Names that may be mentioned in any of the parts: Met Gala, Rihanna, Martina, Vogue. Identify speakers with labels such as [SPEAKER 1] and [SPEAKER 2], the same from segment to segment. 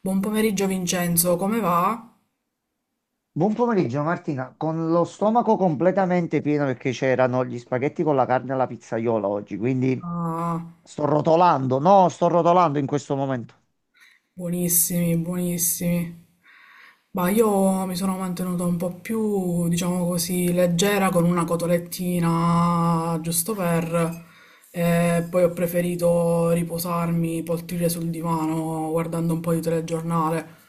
[SPEAKER 1] Buon pomeriggio Vincenzo, come va?
[SPEAKER 2] Buon pomeriggio Martina, con lo stomaco completamente pieno perché c'erano gli spaghetti con la carne alla pizzaiola oggi, quindi
[SPEAKER 1] Ah,
[SPEAKER 2] sto rotolando, no, sto rotolando in questo momento.
[SPEAKER 1] buonissimi, buonissimi. Ma io mi sono mantenuta un po' più, diciamo così, leggera con una cotolettina, giusto per. E poi ho preferito riposarmi, poltrire sul divano, guardando un po' di telegiornale.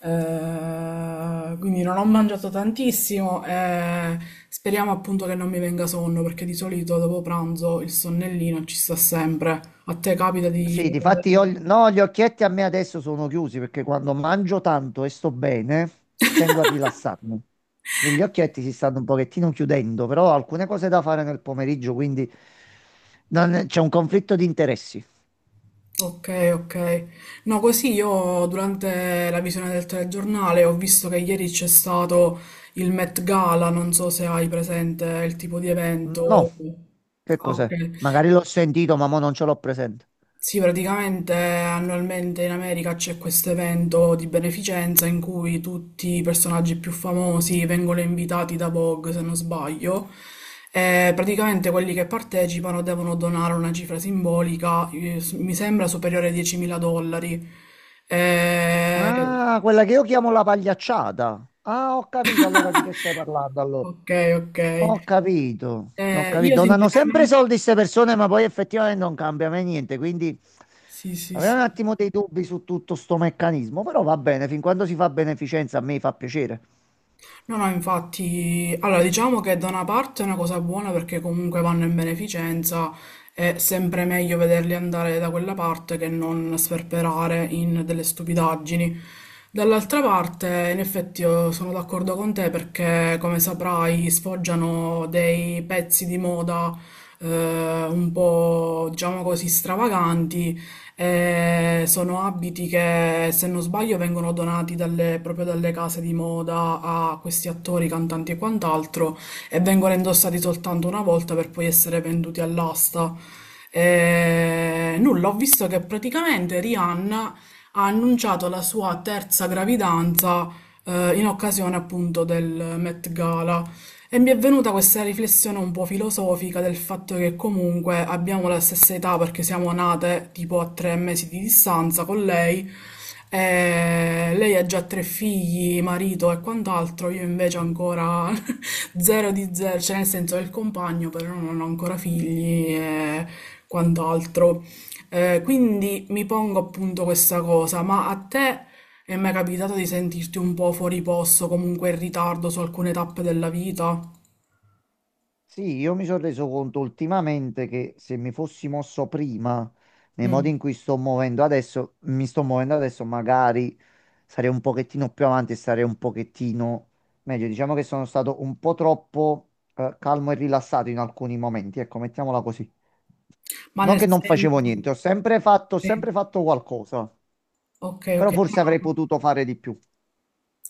[SPEAKER 1] Quindi non ho mangiato tantissimo e speriamo appunto che non mi venga sonno, perché di solito dopo pranzo il sonnellino ci sta sempre. A te capita
[SPEAKER 2] Sì,
[SPEAKER 1] di.
[SPEAKER 2] difatti io, no, gli occhietti a me adesso sono chiusi perché quando mangio tanto e sto bene, tendo a rilassarmi. Gli occhietti si stanno un pochettino chiudendo, però ho alcune cose da fare nel pomeriggio, quindi non- c'è un conflitto di interessi.
[SPEAKER 1] Ok, ok. No, così io durante la visione del telegiornale ho visto che ieri c'è stato il Met Gala, non so se hai presente il tipo di
[SPEAKER 2] No,
[SPEAKER 1] evento.
[SPEAKER 2] che
[SPEAKER 1] Ah, ok.
[SPEAKER 2] cos'è? Magari l'ho sentito, ma mo non ce l'ho presente.
[SPEAKER 1] Sì, praticamente annualmente in America c'è questo evento di beneficenza in cui tutti i personaggi più famosi vengono invitati da Vogue, se non sbaglio, e praticamente quelli che partecipano devono donare una cifra simbolica, mi sembra superiore ai 10.000 dollari. Eh,
[SPEAKER 2] Ah, quella che io chiamo la pagliacciata. Ah, ho capito allora di che stai parlando allora.
[SPEAKER 1] ok, ok.
[SPEAKER 2] Ho capito, ho capito.
[SPEAKER 1] Io
[SPEAKER 2] Donano sempre
[SPEAKER 1] sinceramente.
[SPEAKER 2] soldi queste persone, ma poi effettivamente non cambia mai niente, quindi
[SPEAKER 1] Sì, sì,
[SPEAKER 2] avrei un
[SPEAKER 1] sì.
[SPEAKER 2] attimo dei dubbi su tutto sto meccanismo, però va bene, fin quando si fa beneficenza a me fa piacere.
[SPEAKER 1] No, no, infatti, allora diciamo che da una parte è una cosa buona perché comunque vanno in beneficenza, è sempre meglio vederli andare da quella parte che non sperperare in delle stupidaggini. Dall'altra parte, in effetti, io sono d'accordo con te perché, come saprai, sfoggiano dei pezzi di moda un po', diciamo così, stravaganti. Sono abiti che, se non sbaglio, vengono donati proprio dalle case di moda a questi attori, cantanti e quant'altro e vengono indossati soltanto una volta per poi essere venduti all'asta. Nulla, ho visto che praticamente Rihanna ha annunciato la sua terza gravidanza in occasione appunto del Met Gala. E mi è venuta questa riflessione un po' filosofica del fatto che comunque abbiamo la stessa età perché siamo nate tipo a 3 mesi di distanza con lei. E lei ha già tre figli, marito e quant'altro, io invece ancora zero di zero, cioè nel senso del compagno, però non ho ancora figli e quant'altro. Quindi mi pongo appunto questa cosa, ma a te e mi è mai capitato di sentirti un po' fuori posto, comunque in ritardo su alcune tappe della vita?
[SPEAKER 2] Sì, io mi sono reso conto ultimamente che se mi fossi mosso prima, nei modi
[SPEAKER 1] Mm.
[SPEAKER 2] in cui sto muovendo adesso, mi sto muovendo adesso, magari sarei un pochettino più avanti e sarei un pochettino meglio. Diciamo che sono stato un po' troppo calmo e rilassato in alcuni momenti, ecco, mettiamola così.
[SPEAKER 1] Ma
[SPEAKER 2] Non
[SPEAKER 1] nel
[SPEAKER 2] che non facevo
[SPEAKER 1] senso.
[SPEAKER 2] niente, ho
[SPEAKER 1] Sì.
[SPEAKER 2] sempre fatto qualcosa,
[SPEAKER 1] Ok,
[SPEAKER 2] però
[SPEAKER 1] ok.
[SPEAKER 2] forse avrei potuto fare di più.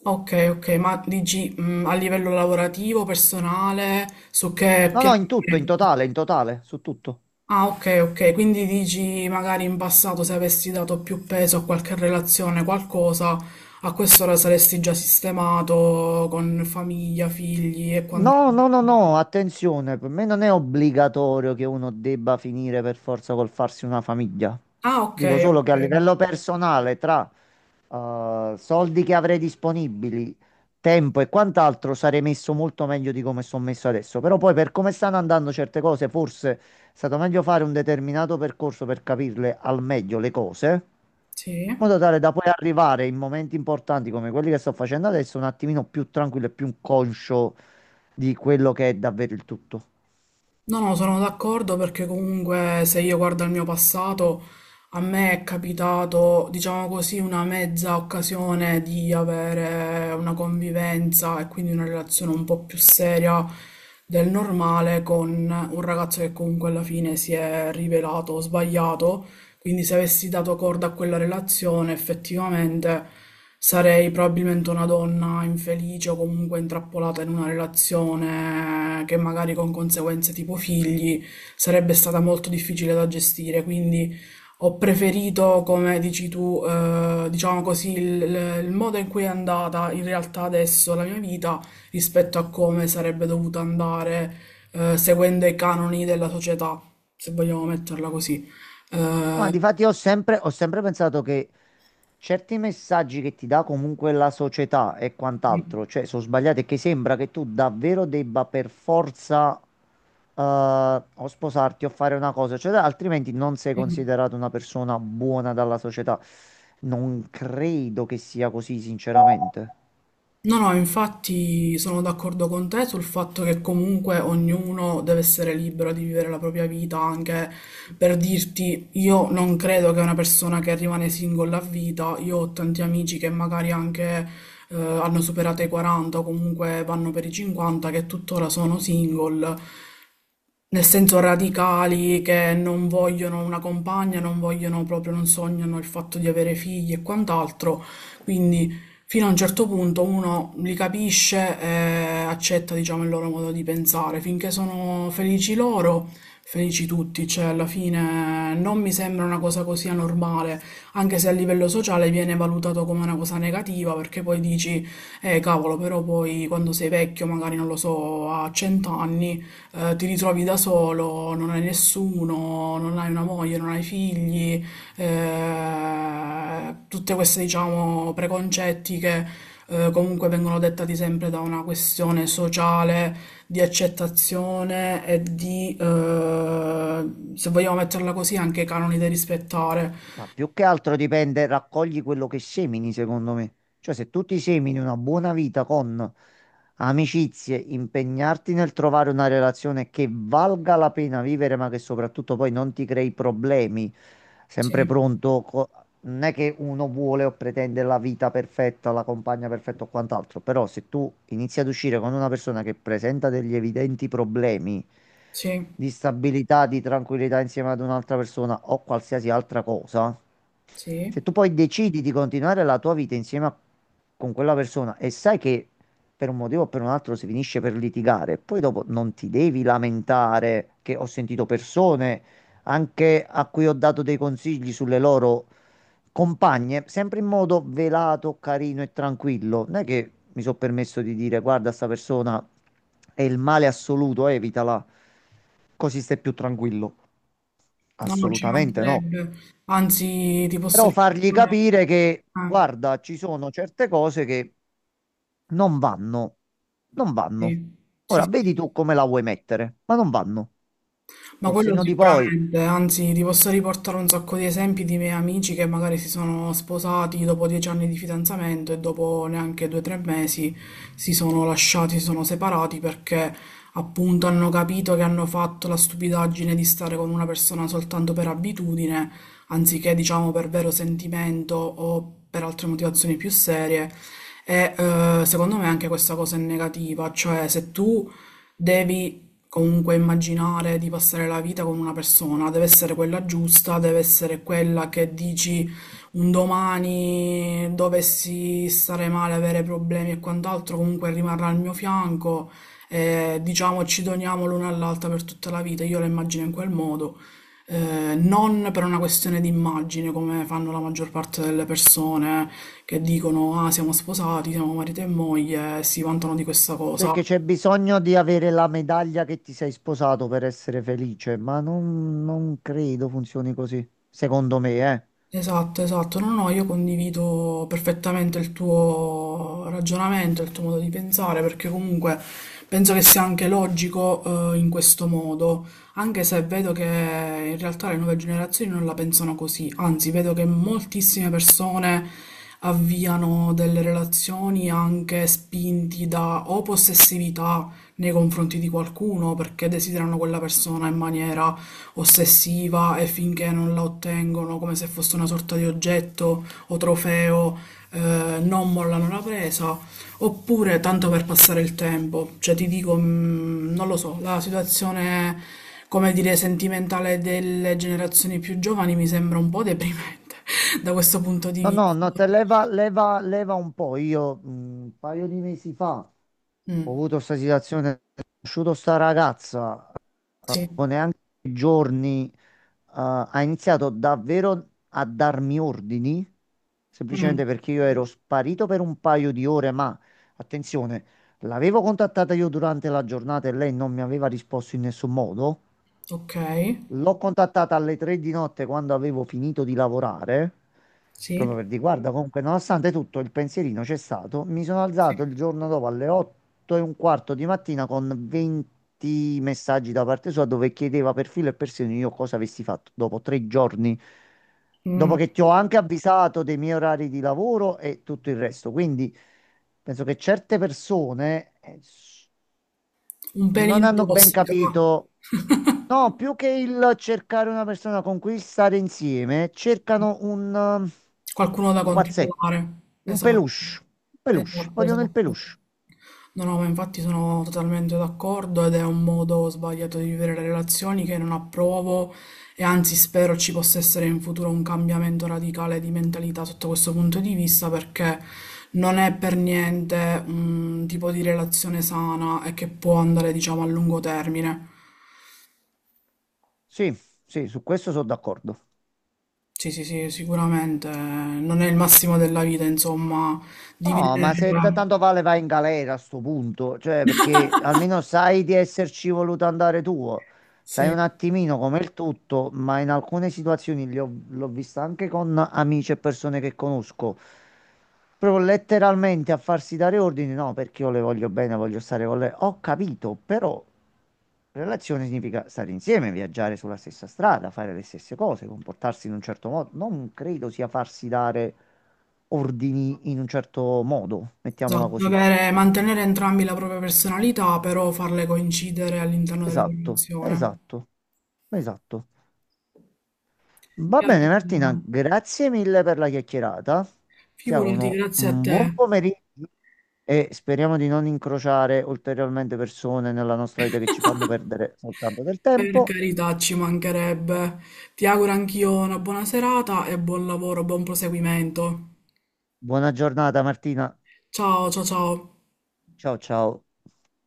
[SPEAKER 1] Ok, ok, ma dici a livello lavorativo, personale, su che
[SPEAKER 2] No, no,
[SPEAKER 1] piano?
[SPEAKER 2] in tutto, in totale, su tutto.
[SPEAKER 1] Ah, ok, ok, quindi dici magari in passato se avessi dato più peso a qualche relazione, qualcosa, a quest'ora saresti già sistemato con famiglia, figli e
[SPEAKER 2] No,
[SPEAKER 1] quant'altro.
[SPEAKER 2] no, no, no, attenzione, per me non è obbligatorio che uno debba finire per forza col farsi una famiglia.
[SPEAKER 1] Ah, ok,
[SPEAKER 2] Dico solo che
[SPEAKER 1] ok.
[SPEAKER 2] a livello personale, tra soldi che avrei disponibili, tempo e quant'altro, sarei messo molto meglio di come sono messo adesso. Però poi per come stanno andando certe cose, forse è stato meglio fare un determinato percorso per capirle al meglio le cose,
[SPEAKER 1] Sì.
[SPEAKER 2] in modo tale da poi arrivare in momenti importanti come quelli che sto facendo adesso un attimino più tranquillo e più conscio di quello che è davvero il tutto.
[SPEAKER 1] No, no, sono d'accordo perché comunque se io guardo al mio passato, a me è capitato, diciamo così, una mezza occasione di avere una convivenza e quindi una relazione un po' più seria del normale con un ragazzo che comunque alla fine si è rivelato sbagliato. Quindi se avessi dato corda a quella relazione, effettivamente sarei probabilmente una donna infelice o comunque intrappolata in una relazione che magari con conseguenze tipo figli sarebbe stata molto difficile da gestire. Quindi ho preferito, come dici tu, diciamo così, il modo in cui è andata in realtà adesso la mia vita rispetto a come sarebbe dovuta andare, seguendo i canoni della società, se vogliamo metterla così.
[SPEAKER 2] Ma
[SPEAKER 1] Eh,
[SPEAKER 2] difatti ho sempre pensato che certi messaggi che ti dà comunque la società e
[SPEAKER 1] Sì,
[SPEAKER 2] quant'altro, cioè sono sbagliati e che sembra che tu davvero debba per forza o sposarti o fare una cosa, cioè altrimenti non sei
[SPEAKER 1] sì.
[SPEAKER 2] considerato una persona buona dalla società. Non credo che sia così, sinceramente.
[SPEAKER 1] No, no, infatti sono d'accordo con te sul fatto che comunque ognuno deve essere libero di vivere la propria vita, anche per dirti, io non credo che una persona che rimane single a vita, io ho tanti amici che magari anche hanno superato i 40 o comunque vanno per i 50, che tuttora sono single. Nel senso radicali che non vogliono una compagna, non vogliono proprio, non sognano il fatto di avere figli e quant'altro. Quindi fino a un certo punto uno li capisce e accetta, diciamo, il loro modo di pensare. Finché sono felici loro, felici tutti. Cioè, alla fine non mi sembra una cosa così anormale, anche se a livello sociale viene valutato come una cosa negativa, perché poi dici, cavolo, però poi quando sei vecchio, magari non lo so, a 100 anni ti ritrovi da solo, non hai nessuno, non hai una moglie, non hai figli, tutte queste, diciamo, preconcetti che comunque vengono dettati sempre da una questione sociale di accettazione e di, se vogliamo metterla così, anche canoni da rispettare.
[SPEAKER 2] Ma più che altro dipende, raccogli quello che semini, secondo me. Cioè, se tu ti semini una buona vita con amicizie, impegnarti nel trovare una relazione che valga la pena vivere, ma che soprattutto poi non ti crei problemi. Sempre
[SPEAKER 1] Sì,
[SPEAKER 2] pronto, co- non è che uno vuole o pretende la vita perfetta, la compagna perfetta o quant'altro, però se tu inizi ad uscire con una persona che presenta degli evidenti problemi
[SPEAKER 1] sì,
[SPEAKER 2] di stabilità, di tranquillità insieme ad un'altra persona o qualsiasi altra cosa,
[SPEAKER 1] sì.
[SPEAKER 2] se tu poi decidi di continuare la tua vita insieme a- con quella persona e sai che per un motivo o per un altro si finisce per litigare. Poi dopo non ti devi lamentare che ho sentito persone anche a cui ho dato dei consigli sulle loro compagne, sempre in modo velato, carino e tranquillo. Non è che mi sono permesso di dire guarda, sta persona è il male assoluto, evitala, così stai più tranquillo.
[SPEAKER 1] No, non ci
[SPEAKER 2] Assolutamente no.
[SPEAKER 1] mancherebbe. Anzi, ti posso
[SPEAKER 2] Però fargli
[SPEAKER 1] ripetere.
[SPEAKER 2] capire che
[SPEAKER 1] Ah,
[SPEAKER 2] guarda, ci sono certe cose che non vanno, non vanno.
[SPEAKER 1] sì, sì,
[SPEAKER 2] Ora
[SPEAKER 1] sì,
[SPEAKER 2] vedi tu
[SPEAKER 1] sì.
[SPEAKER 2] come la vuoi mettere, ma non vanno.
[SPEAKER 1] Ma
[SPEAKER 2] Col
[SPEAKER 1] quello
[SPEAKER 2] senno di poi,
[SPEAKER 1] sicuramente, anzi, ti posso riportare un sacco di esempi di miei amici che magari si sono sposati dopo 10 anni di fidanzamento e dopo neanche 2 o 3 mesi si sono lasciati, si sono separati perché appunto hanno capito che hanno fatto la stupidaggine di stare con una persona soltanto per abitudine, anziché diciamo per vero sentimento o per altre motivazioni più serie. E secondo me anche questa cosa è negativa, cioè se tu devi comunque immaginare di passare la vita con una persona, deve essere quella giusta, deve essere quella che dici un domani dovessi stare male, avere problemi e quant'altro, comunque rimarrà al mio fianco e diciamo ci doniamo l'una all'altra per tutta la vita, io la immagino in quel modo. Non per una questione di immagine, come fanno la maggior parte delle persone che dicono: Ah, siamo sposati, siamo marito e moglie, e si vantano di questa cosa.
[SPEAKER 2] perché c'è bisogno di avere la medaglia che ti sei sposato per essere felice, ma non, non credo funzioni così, secondo me, eh.
[SPEAKER 1] Esatto, esatto. No, no, io condivido perfettamente il tuo ragionamento, il tuo modo di pensare, perché comunque penso che sia anche logico, in questo modo, anche se vedo che in realtà le nuove generazioni non la pensano così, anzi, vedo che moltissime persone avviano delle relazioni anche spinti da o possessività nei confronti di qualcuno perché desiderano quella persona in maniera ossessiva e finché non la ottengono come se fosse una sorta di oggetto o trofeo, non mollano la presa, oppure tanto per passare il tempo. Cioè ti dico, non lo so, la situazione, come dire, sentimentale delle generazioni più giovani mi sembra un po' deprimente da questo punto di
[SPEAKER 2] No, no,
[SPEAKER 1] vista.
[SPEAKER 2] no, te leva, leva, leva un po'. Io un paio di mesi fa ho
[SPEAKER 1] Mm,
[SPEAKER 2] avuto questa situazione, ho conosciuto sta ragazza,
[SPEAKER 1] sì,
[SPEAKER 2] dopo neanche giorni ha iniziato davvero a darmi ordini,
[SPEAKER 1] mm,
[SPEAKER 2] semplicemente perché io ero sparito per un paio di ore, ma attenzione, l'avevo contattata io durante la giornata e lei non mi aveva risposto in nessun modo.
[SPEAKER 1] ok,
[SPEAKER 2] L'ho contattata alle tre di notte quando avevo finito di lavorare,
[SPEAKER 1] sì,
[SPEAKER 2] proprio per dire, guarda, comunque, nonostante tutto, il pensierino c'è stato. Mi sono
[SPEAKER 1] sì.
[SPEAKER 2] alzato il giorno dopo alle 8 e un quarto di mattina con 20 messaggi da parte sua dove chiedeva per filo e per segno io cosa avessi fatto dopo tre giorni, dopo
[SPEAKER 1] Mm,
[SPEAKER 2] che ti ho anche avvisato dei miei orari di lavoro e tutto il resto. Quindi penso che certe persone
[SPEAKER 1] un
[SPEAKER 2] non
[SPEAKER 1] pelino
[SPEAKER 2] hanno ben
[SPEAKER 1] tossica.
[SPEAKER 2] capito. No, più che il cercare una persona con cui stare insieme, cercano un
[SPEAKER 1] Qualcuno da
[SPEAKER 2] pupazzetto,
[SPEAKER 1] controllare.
[SPEAKER 2] un
[SPEAKER 1] Esatto.
[SPEAKER 2] peluche, un peluche,
[SPEAKER 1] Esatto,
[SPEAKER 2] vogliono il
[SPEAKER 1] esatto.
[SPEAKER 2] peluche.
[SPEAKER 1] No, no, ma infatti sono totalmente d'accordo ed è un modo sbagliato di vivere le relazioni che non approvo e anzi spero ci possa essere in futuro un cambiamento radicale di mentalità sotto questo punto di vista perché non è per niente un tipo di relazione sana e che può andare, diciamo, a lungo termine.
[SPEAKER 2] Sì, sì, su questo sono d'accordo.
[SPEAKER 1] Sì, sì, sì, sicuramente non è il massimo della vita, insomma,
[SPEAKER 2] No, ma
[SPEAKER 1] dividere.
[SPEAKER 2] se t- tanto vale vai in galera a sto punto, cioè perché almeno sai di esserci voluto andare tu. Sai
[SPEAKER 1] Sì.
[SPEAKER 2] un attimino come il tutto, ma in alcune situazioni li ho- l'ho vista anche con amici e persone che conosco. Proprio letteralmente a farsi dare ordini, no, perché io le voglio bene, voglio stare con lei. Ho capito, però relazione significa stare insieme, viaggiare sulla stessa strada, fare le stesse cose, comportarsi in un certo modo. Non credo sia farsi dare ordini in un certo modo, mettiamola
[SPEAKER 1] Esatto,
[SPEAKER 2] così.
[SPEAKER 1] avere, mantenere entrambi la propria personalità, però farle coincidere all'interno della
[SPEAKER 2] Esatto,
[SPEAKER 1] relazione.
[SPEAKER 2] esatto, esatto. Va bene
[SPEAKER 1] Carolina,
[SPEAKER 2] Martina, grazie mille per la chiacchierata. Ti
[SPEAKER 1] figurati,
[SPEAKER 2] auguro
[SPEAKER 1] grazie a
[SPEAKER 2] un buon
[SPEAKER 1] te.
[SPEAKER 2] pomeriggio e speriamo di non incrociare ulteriormente persone nella nostra vita che ci fanno perdere soltanto del
[SPEAKER 1] Per
[SPEAKER 2] tempo.
[SPEAKER 1] carità, ci mancherebbe. Ti auguro anch'io una buona serata e buon lavoro, buon proseguimento.
[SPEAKER 2] Buona giornata Martina.
[SPEAKER 1] Ciao, ciao, ciao.
[SPEAKER 2] Ciao ciao.